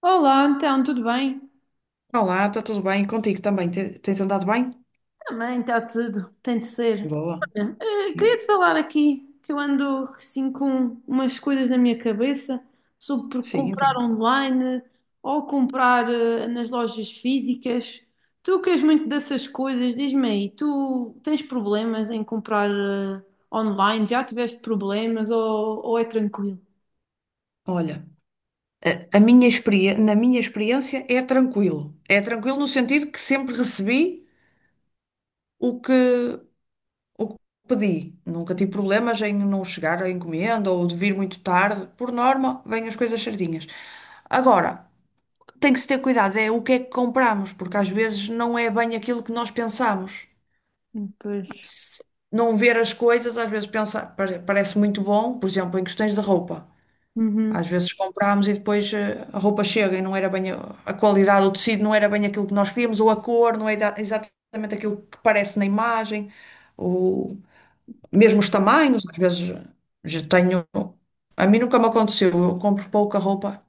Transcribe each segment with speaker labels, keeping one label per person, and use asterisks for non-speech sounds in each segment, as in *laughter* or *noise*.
Speaker 1: Olá, então, tudo bem?
Speaker 2: Olá, está tudo bem? Contigo também? Tens andado bem?
Speaker 1: Também está tudo, tem de ser.
Speaker 2: Boa.
Speaker 1: Olha, queria te falar aqui que eu ando assim com umas coisas na minha cabeça sobre
Speaker 2: Sim,
Speaker 1: comprar
Speaker 2: então.
Speaker 1: online ou comprar nas lojas físicas. Tu que és muito dessas coisas, diz-me aí, tu tens problemas em comprar online? Já tiveste problemas ou é tranquilo?
Speaker 2: Olha, a minha experiência, na minha experiência é tranquilo. É tranquilo no sentido que sempre recebi o que, o que pedi. Nunca tive problemas em não chegar à encomenda ou de vir muito tarde. Por norma, vêm as coisas certinhas. Agora, tem que se ter cuidado, é o que é que compramos, porque às vezes não é bem aquilo que nós pensamos.
Speaker 1: Pois,
Speaker 2: se- não ver as coisas, às vezes pensa, parece muito bom, por exemplo, em questões de roupa.
Speaker 1: uhum,
Speaker 2: Às vezes comprámos e depois a roupa chega e não era bem a qualidade, o tecido não era bem aquilo que nós queríamos, ou a cor não é exatamente aquilo que parece na imagem, ou
Speaker 1: pois,
Speaker 2: mesmo os tamanhos, às vezes já tenho. A mim nunca me aconteceu, eu compro pouca roupa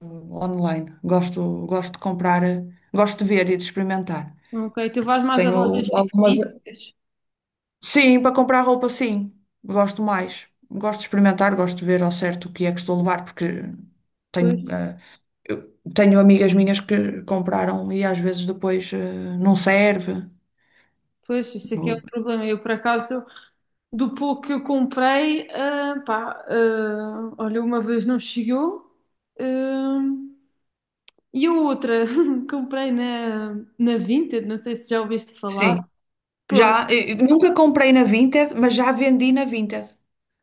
Speaker 2: online. Gosto de comprar, gosto de ver e de experimentar.
Speaker 1: ok. Tu vais mais a
Speaker 2: Tenho
Speaker 1: lojas tipo
Speaker 2: algumas.
Speaker 1: físicas?
Speaker 2: Sim, para comprar roupa, sim. Gosto mais. Gosto de experimentar, gosto de ver ao certo o que é que estou a levar, porque
Speaker 1: Pois.
Speaker 2: tenho, eh, eu tenho amigas minhas que compraram e às vezes depois não serve.
Speaker 1: Pois, isso aqui é um
Speaker 2: Ou-
Speaker 1: problema. Eu, por acaso, do pouco que eu comprei, olha, uma vez não chegou, ah, e a outra *laughs* comprei na Vinted, não sei se já ouviste falar.
Speaker 2: Sim.
Speaker 1: Pronto,
Speaker 2: Já, eu nunca comprei na Vinted, mas já vendi na Vinted.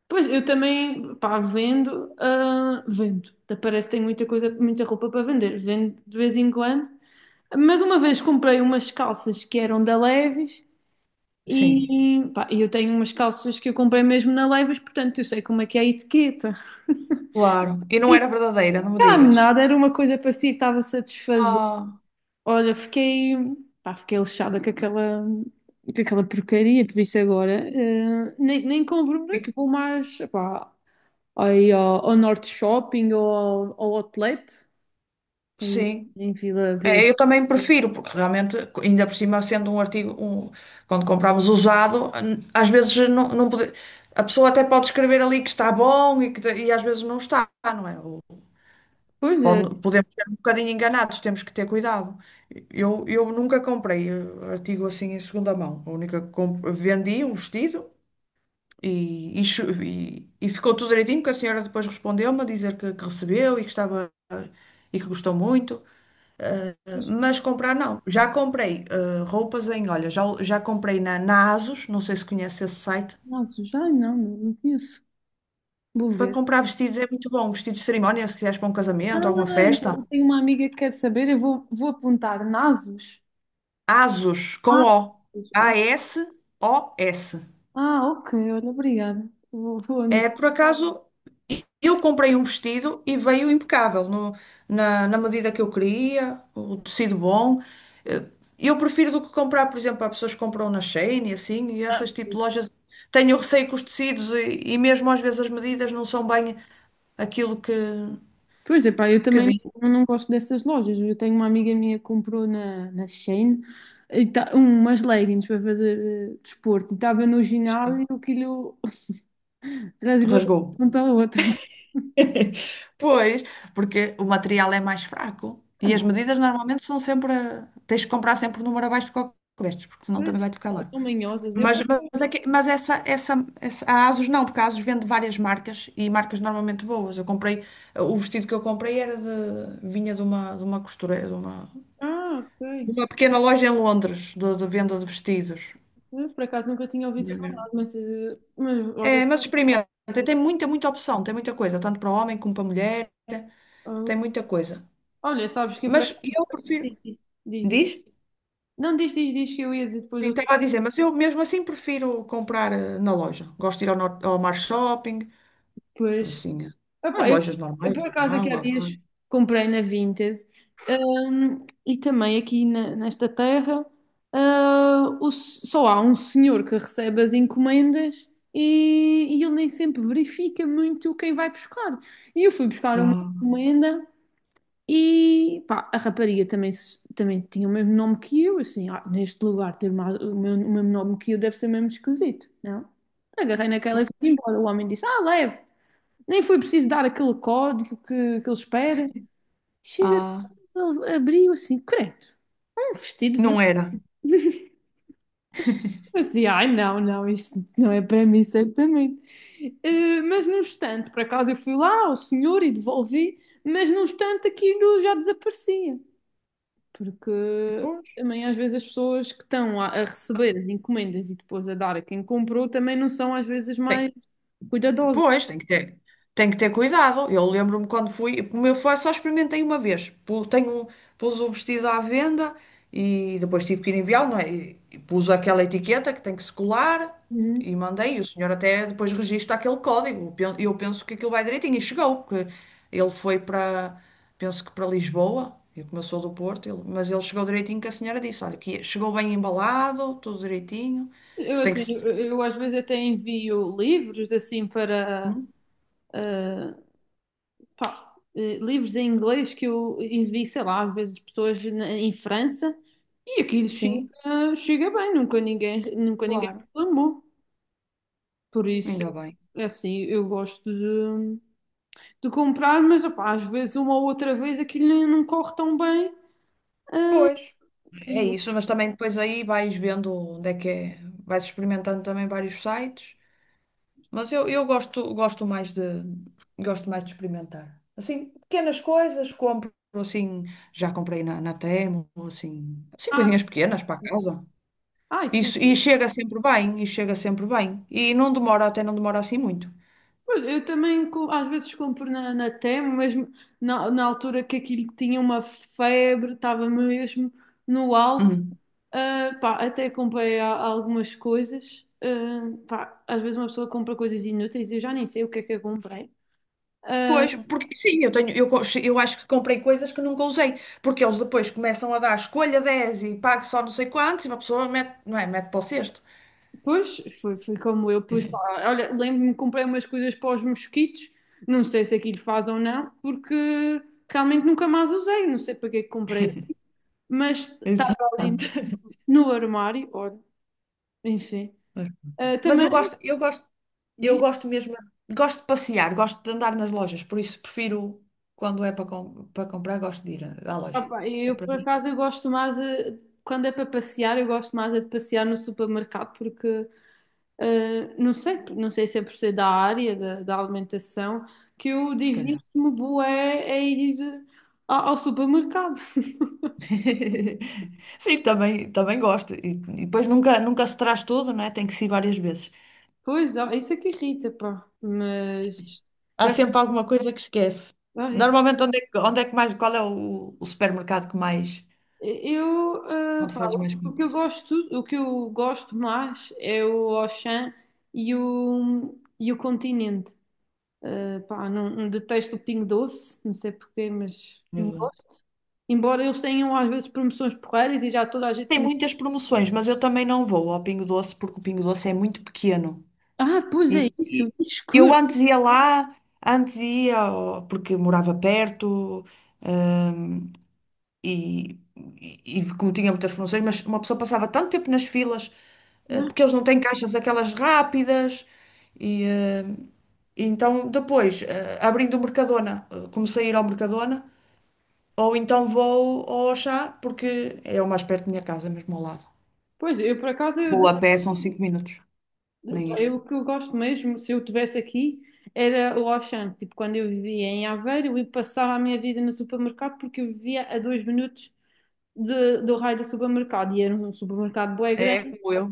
Speaker 1: pois eu também, pá, vendo, vendo. Até parece que tenho muita coisa, muita roupa para vender, vendo de vez em quando. Mas uma vez comprei umas calças que eram da Levi's.
Speaker 2: Sim,
Speaker 1: E pá, eu tenho umas calças que eu comprei mesmo na Levi's, portanto eu sei como é que é a etiqueta.
Speaker 2: claro. E não era
Speaker 1: E
Speaker 2: verdadeira, não me
Speaker 1: cá
Speaker 2: digas.
Speaker 1: nada, era uma coisa parecida, estava-se a desfazer.
Speaker 2: Ah,
Speaker 1: Olha, fiquei, Fiquei lixada com aquela porcaria, por isso agora nem compro muito,
Speaker 2: fico-
Speaker 1: vou mais pá, aí ao Norte Shopping ou ao Outlet em,
Speaker 2: sim.
Speaker 1: em Vila, Vila.
Speaker 2: É, eu também prefiro, porque realmente, ainda por cima, sendo um artigo, quando compramos usado, às vezes não, a pessoa até pode escrever ali que está bom e, e às vezes não está, não é? Ou
Speaker 1: Pois é,
Speaker 2: podemos ser um bocadinho enganados, temos que ter cuidado. Eu nunca comprei artigo assim em segunda mão. A única que vendi um vestido e ficou tudo direitinho, porque a senhora depois respondeu-me a dizer que recebeu e que estava e que gostou muito. Mas comprar não. Já comprei roupas em, olha, já comprei na ASOS, não sei se conhece esse site.
Speaker 1: nossa, já não, não conheço. Vou
Speaker 2: Para
Speaker 1: ver.
Speaker 2: comprar vestidos é muito bom. Vestidos de cerimónia, se quiseres para um
Speaker 1: Ah,
Speaker 2: casamento, alguma festa.
Speaker 1: eu tenho uma amiga que quer saber, vou apontar Nasos.
Speaker 2: ASOS, com
Speaker 1: Ah,
Speaker 2: O.
Speaker 1: ah,
Speaker 2: A-S-O-S.
Speaker 1: ok, olha, obrigada. Vou anotar.
Speaker 2: É, por acaso, eu comprei um vestido e veio impecável, na medida que eu queria, o tecido bom. Eh, Eu prefiro do que comprar, por exemplo, há pessoas que compram na Shein e assim, e essas tipo de lojas. Tenho receio com os tecidos e mesmo às vezes as medidas não são bem aquilo
Speaker 1: Pois é, pá, eu
Speaker 2: que
Speaker 1: também
Speaker 2: diz.
Speaker 1: não gosto dessas lojas. Eu tenho uma amiga minha que comprou na Shein e tá, umas leggings para fazer desporto e estava no ginásio
Speaker 2: Sim,
Speaker 1: e aquilo *laughs* rasgou de
Speaker 2: rasgou.
Speaker 1: uma ponta à outra.
Speaker 2: *laughs* Pois, porque o material é mais fraco
Speaker 1: Ah,
Speaker 2: e as
Speaker 1: não,
Speaker 2: medidas normalmente são sempre. Tens que comprar sempre o número abaixo do que vestes, porque senão também
Speaker 1: Pois,
Speaker 2: vai-te ficar largo.
Speaker 1: são manhosas. Eu por
Speaker 2: Mas,
Speaker 1: acaso.
Speaker 2: mas, é que- mas essa, essa, essa- a ASUS não, porque a ASUS vende várias marcas e marcas normalmente boas. O vestido que eu comprei era de, vinha de uma costureira,
Speaker 1: Ah, ok.
Speaker 2: de uma pequena loja em Londres, de venda de vestidos.
Speaker 1: Eu por acaso nunca tinha ouvido
Speaker 2: É,
Speaker 1: falar,
Speaker 2: mesmo.
Speaker 1: mas, mas olha,
Speaker 2: É, mas experimenta, tem muita, muita opção, tem muita coisa, tanto para homem como para mulher,
Speaker 1: ah,
Speaker 2: tem muita coisa.
Speaker 1: olha, sabes que eu por
Speaker 2: Mas
Speaker 1: acaso.
Speaker 2: eu prefiro,
Speaker 1: Diz, diz, Diz. Diz.
Speaker 2: diz?
Speaker 1: Não, diz que eu ia dizer depois
Speaker 2: Sim,
Speaker 1: outra.
Speaker 2: estava a dizer, mas eu mesmo assim prefiro comprar na loja. Gosto de ir ao Mar Shopping,
Speaker 1: Pois.
Speaker 2: assim, é. As
Speaker 1: Epá,
Speaker 2: lojas
Speaker 1: eu
Speaker 2: normais,
Speaker 1: por acaso aqui
Speaker 2: Mango,
Speaker 1: há
Speaker 2: Azar.
Speaker 1: dias comprei na Vinted, hum, e também aqui na- nesta terra, o s- só há um senhor que recebe as encomendas e ele nem sempre verifica muito quem vai buscar. E eu fui buscar uma
Speaker 2: Ah,
Speaker 1: encomenda e pá, a rapariga também, se- também tinha o mesmo nome que eu, assim, "Ah, neste lugar ter mais- o, meu- o mesmo nome que eu deve ser mesmo esquisito, não? Agarrei naquela e fui
Speaker 2: pois.
Speaker 1: embora. O homem disse, ah, leve. Nem foi preciso dar aquele código que ele espera. Chega,
Speaker 2: Ah,
Speaker 1: ele abriu assim, credo, um vestido
Speaker 2: não
Speaker 1: vermelho.
Speaker 2: era.
Speaker 1: *laughs* Eu dizia, ai não, não, isso não é para mim, certamente. Mas no instante, por acaso eu fui lá ao senhor e devolvi, mas no instante aquilo já desaparecia. Porque
Speaker 2: Pois.
Speaker 1: também às vezes as pessoas que estão a receber as encomendas e depois a dar a quem comprou também não são às vezes
Speaker 2: Bem,
Speaker 1: mais cuidadosas.
Speaker 2: pois, tem que ter cuidado. Eu lembro-me quando fui, como eu fui, só experimentei uma vez. Pus o vestido à venda e depois tive que ir enviá-lo, não é? E pus aquela etiqueta que tem que se colar
Speaker 1: Uhum.
Speaker 2: e mandei. E o senhor até depois registra aquele código. Eu penso que aquilo vai direitinho. E chegou, porque ele foi para, penso que para Lisboa. Eu como eu sou do Porto, mas ele chegou direitinho que a senhora disse, olha, que chegou bem embalado, tudo direitinho. Pois tem que se...
Speaker 1: Eu às vezes até envio livros assim para
Speaker 2: Hum?
Speaker 1: ah, livros em inglês que eu envio, sei lá, às vezes pessoas na- em França e aquilo
Speaker 2: Sim,
Speaker 1: chega, chega bem, nunca ninguém
Speaker 2: claro,
Speaker 1: reclamou. Por isso,
Speaker 2: ainda bem.
Speaker 1: é assim, eu gosto de comprar, mas opá, às vezes uma ou outra vez aquilo nem- não corre tão bem.
Speaker 2: Pois.
Speaker 1: E
Speaker 2: É
Speaker 1: eu,
Speaker 2: isso, mas também depois aí vais vendo onde é que é, vais experimentando também vários sites, mas eu gosto mais de experimentar. Assim, pequenas coisas, compro assim, já comprei na Temu, assim,
Speaker 1: ah,
Speaker 2: coisinhas pequenas para casa.
Speaker 1: ai, sim,
Speaker 2: Isso, e chega sempre bem, e chega sempre bem. E não demora, até não demora assim muito.
Speaker 1: olha, eu também co- às vezes compro na Temo, mesmo na altura que aquilo tinha uma febre, estava mesmo no alto. Até comprei a- algumas coisas. Às vezes uma pessoa compra coisas inúteis e eu já nem sei o que é que eu comprei. Ah,
Speaker 2: Pois, porque sim, eu tenho, eu, co- eu acho que comprei coisas que nunca usei, porque eles depois começam a dar escolha 10 e pague só não sei quantos e uma pessoa mete, não é, mete para o cesto.
Speaker 1: pois, foi como eu. Pois, pá, olha, lembro-me que comprei umas coisas para os mosquitos, não sei se aquilo faz ou não, porque realmente nunca mais usei, não sei para que é que comprei, mas
Speaker 2: Exato.
Speaker 1: estava ali no armário, olha, enfim. Ah,
Speaker 2: Mas
Speaker 1: também
Speaker 2: eu
Speaker 1: diz,
Speaker 2: gosto mesmo, gosto de passear, gosto de andar nas lojas, por isso prefiro quando é para comprar, gosto de ir à loja.
Speaker 1: opa,
Speaker 2: É
Speaker 1: eu
Speaker 2: para
Speaker 1: por
Speaker 2: mim,
Speaker 1: acaso eu gosto mais quando é para passear, eu gosto mais é de passear no supermercado porque não sei, não sei se é por ser da área da, da alimentação que eu
Speaker 2: se calhar.
Speaker 1: divirto-me bué a ir ao supermercado. *laughs*
Speaker 2: *laughs* Sim, também gosto. E depois nunca, nunca se traz tudo, né? Tem que se ir várias vezes.
Speaker 1: Pois, ó, isso é que irrita, pá. Mas
Speaker 2: Há
Speaker 1: por
Speaker 2: sempre
Speaker 1: acaso,
Speaker 2: alguma coisa que esquece.
Speaker 1: ó, isso-
Speaker 2: Normalmente, onde é que mais, qual é o supermercado que mais,
Speaker 1: eu,
Speaker 2: onde fazes mais
Speaker 1: o que eu
Speaker 2: compras?
Speaker 1: gosto, o que eu gosto mais é o Auchan e o Continente. Pá, não, detesto o Pingo Doce, não sei porquê, mas não
Speaker 2: Exato.
Speaker 1: gosto. Embora eles tenham às vezes promoções porreiras e já toda a gente
Speaker 2: Tem
Speaker 1: me...
Speaker 2: muitas promoções, mas eu também não vou ao Pingo Doce porque o Pingo Doce é muito pequeno.
Speaker 1: Ah, pois é isso,
Speaker 2: E
Speaker 1: que
Speaker 2: eu
Speaker 1: escuro.
Speaker 2: antes ia lá, antes ia porque morava perto e como tinha muitas promoções, mas uma pessoa passava tanto tempo nas filas,
Speaker 1: Ah,
Speaker 2: porque eles não têm caixas aquelas rápidas e eh, então, depois, abrindo o Mercadona, comecei a ir ao Mercadona, ou então vou ao Auchan, porque é o mais perto da minha casa, mesmo ao lado.
Speaker 1: pois, eu por acaso,
Speaker 2: Vou a pé, são 5 minutos, nem
Speaker 1: eu,
Speaker 2: isso.
Speaker 1: o que eu gosto mesmo, se eu estivesse aqui, era o Auchan. Tipo, quando eu vivia em Aveiro, eu passava a minha vida no supermercado porque eu vivia a 2 minutos de- do raio do supermercado. E era um supermercado bué
Speaker 2: É
Speaker 1: grande.
Speaker 2: como eu,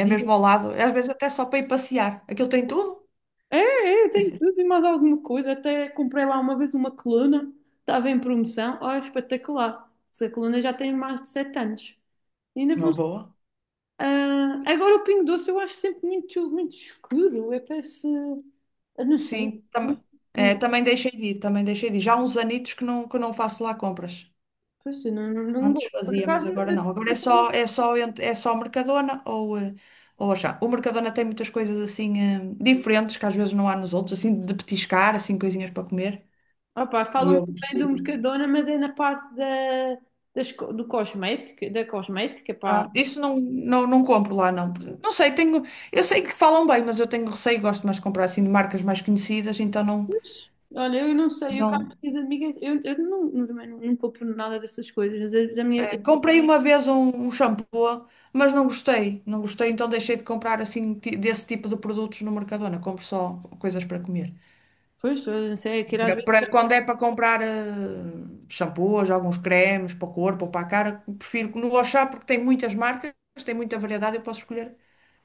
Speaker 2: é mesmo ao lado, às vezes até só para ir passear. Aquilo tem tudo?
Speaker 1: É, É, tem tudo e mais alguma coisa. Até comprei lá uma vez uma coluna, estava em promoção. Olha, espetacular. Essa coluna já tem mais de 7 anos. E ainda
Speaker 2: Não.
Speaker 1: funciona.
Speaker 2: Boa.
Speaker 1: Ah, agora o Pingo Doce eu acho sempre muito, muito escuro. Eu parece. Eu não sei.
Speaker 2: Sim,
Speaker 1: Não,
Speaker 2: tam é,
Speaker 1: não,
Speaker 2: também deixei de ir, também deixei de ir. Já há uns anitos que não faço lá compras.
Speaker 1: Pois, eu não, não
Speaker 2: Antes
Speaker 1: gosto. Por
Speaker 2: fazia, mas
Speaker 1: acaso
Speaker 2: agora não. Agora é
Speaker 1: eu
Speaker 2: só,
Speaker 1: também.
Speaker 2: é só Mercadona ou, ou achar. O Mercadona tem muitas coisas assim diferentes que às vezes não há nos outros, assim de petiscar, assim coisinhas para comer.
Speaker 1: Opa,
Speaker 2: E
Speaker 1: falam
Speaker 2: eu
Speaker 1: muito
Speaker 2: gosto
Speaker 1: bem do
Speaker 2: de-
Speaker 1: Mercadona, mas é na parte da, das co- do cosmético, da cosmética, pá.
Speaker 2: Ah, isso não, não, não compro lá, não. Não sei, tenho. Eu sei que falam bem, mas eu tenho receio, gosto mais de comprar assim de marcas mais conhecidas, então não.
Speaker 1: Pois, olha, eu não sei, eu cá com
Speaker 2: Não.
Speaker 1: as minhas amigas, eu não, também não, não compro nada dessas coisas, mas às vezes a minha,
Speaker 2: Comprei uma vez um shampoo, mas não gostei. Não gostei, então deixei de comprar assim desse tipo de produtos no Mercadona. Compro só coisas para comer.
Speaker 1: pois, eu não sei, aquilo às vezes,
Speaker 2: Quando é para comprar shampoos, alguns cremes para o corpo ou para a cara, prefiro que no Auchan porque tem muitas marcas, tem muita variedade, eu posso escolher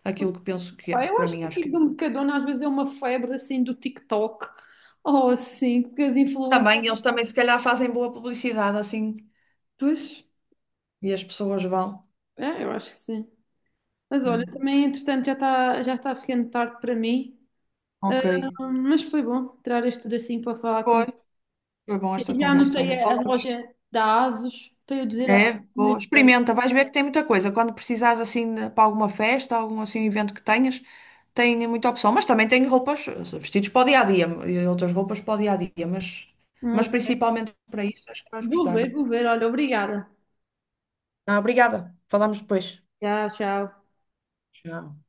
Speaker 2: aquilo que penso que é,
Speaker 1: pá, eu
Speaker 2: para
Speaker 1: acho
Speaker 2: mim
Speaker 1: que
Speaker 2: acho que
Speaker 1: aquilo do Mercadona às vezes é uma febre assim do TikTok, ou assim, que as influências,
Speaker 2: também eles também se calhar fazem boa publicidade assim
Speaker 1: pois,
Speaker 2: e as pessoas vão,
Speaker 1: é, eu acho que sim. Mas olha,
Speaker 2: né?
Speaker 1: também entretanto já está ficando tarde para mim, ah,
Speaker 2: Ok.
Speaker 1: mas foi bom tirar isto tudo assim para falar
Speaker 2: Foi,
Speaker 1: contigo.
Speaker 2: Foi bom
Speaker 1: E
Speaker 2: esta
Speaker 1: já
Speaker 2: conversa. Olha,
Speaker 1: anotei a
Speaker 2: falamos.
Speaker 1: loja da ASUS para eu dizer a
Speaker 2: É,
Speaker 1: minha.
Speaker 2: boa.
Speaker 1: Colega.
Speaker 2: Experimenta, vais ver que tem muita coisa. Quando precisares assim para alguma festa, algum assim evento que tenhas, tem muita opção. Mas também tem roupas, vestidos para o dia a dia e outras roupas para o dia a dia. Mas principalmente para isso, acho que vais gostar.
Speaker 1: Vou ver, olha, obrigada.
Speaker 2: Ah, obrigada. Falamos depois.
Speaker 1: Tchau, tchau.
Speaker 2: Tchau.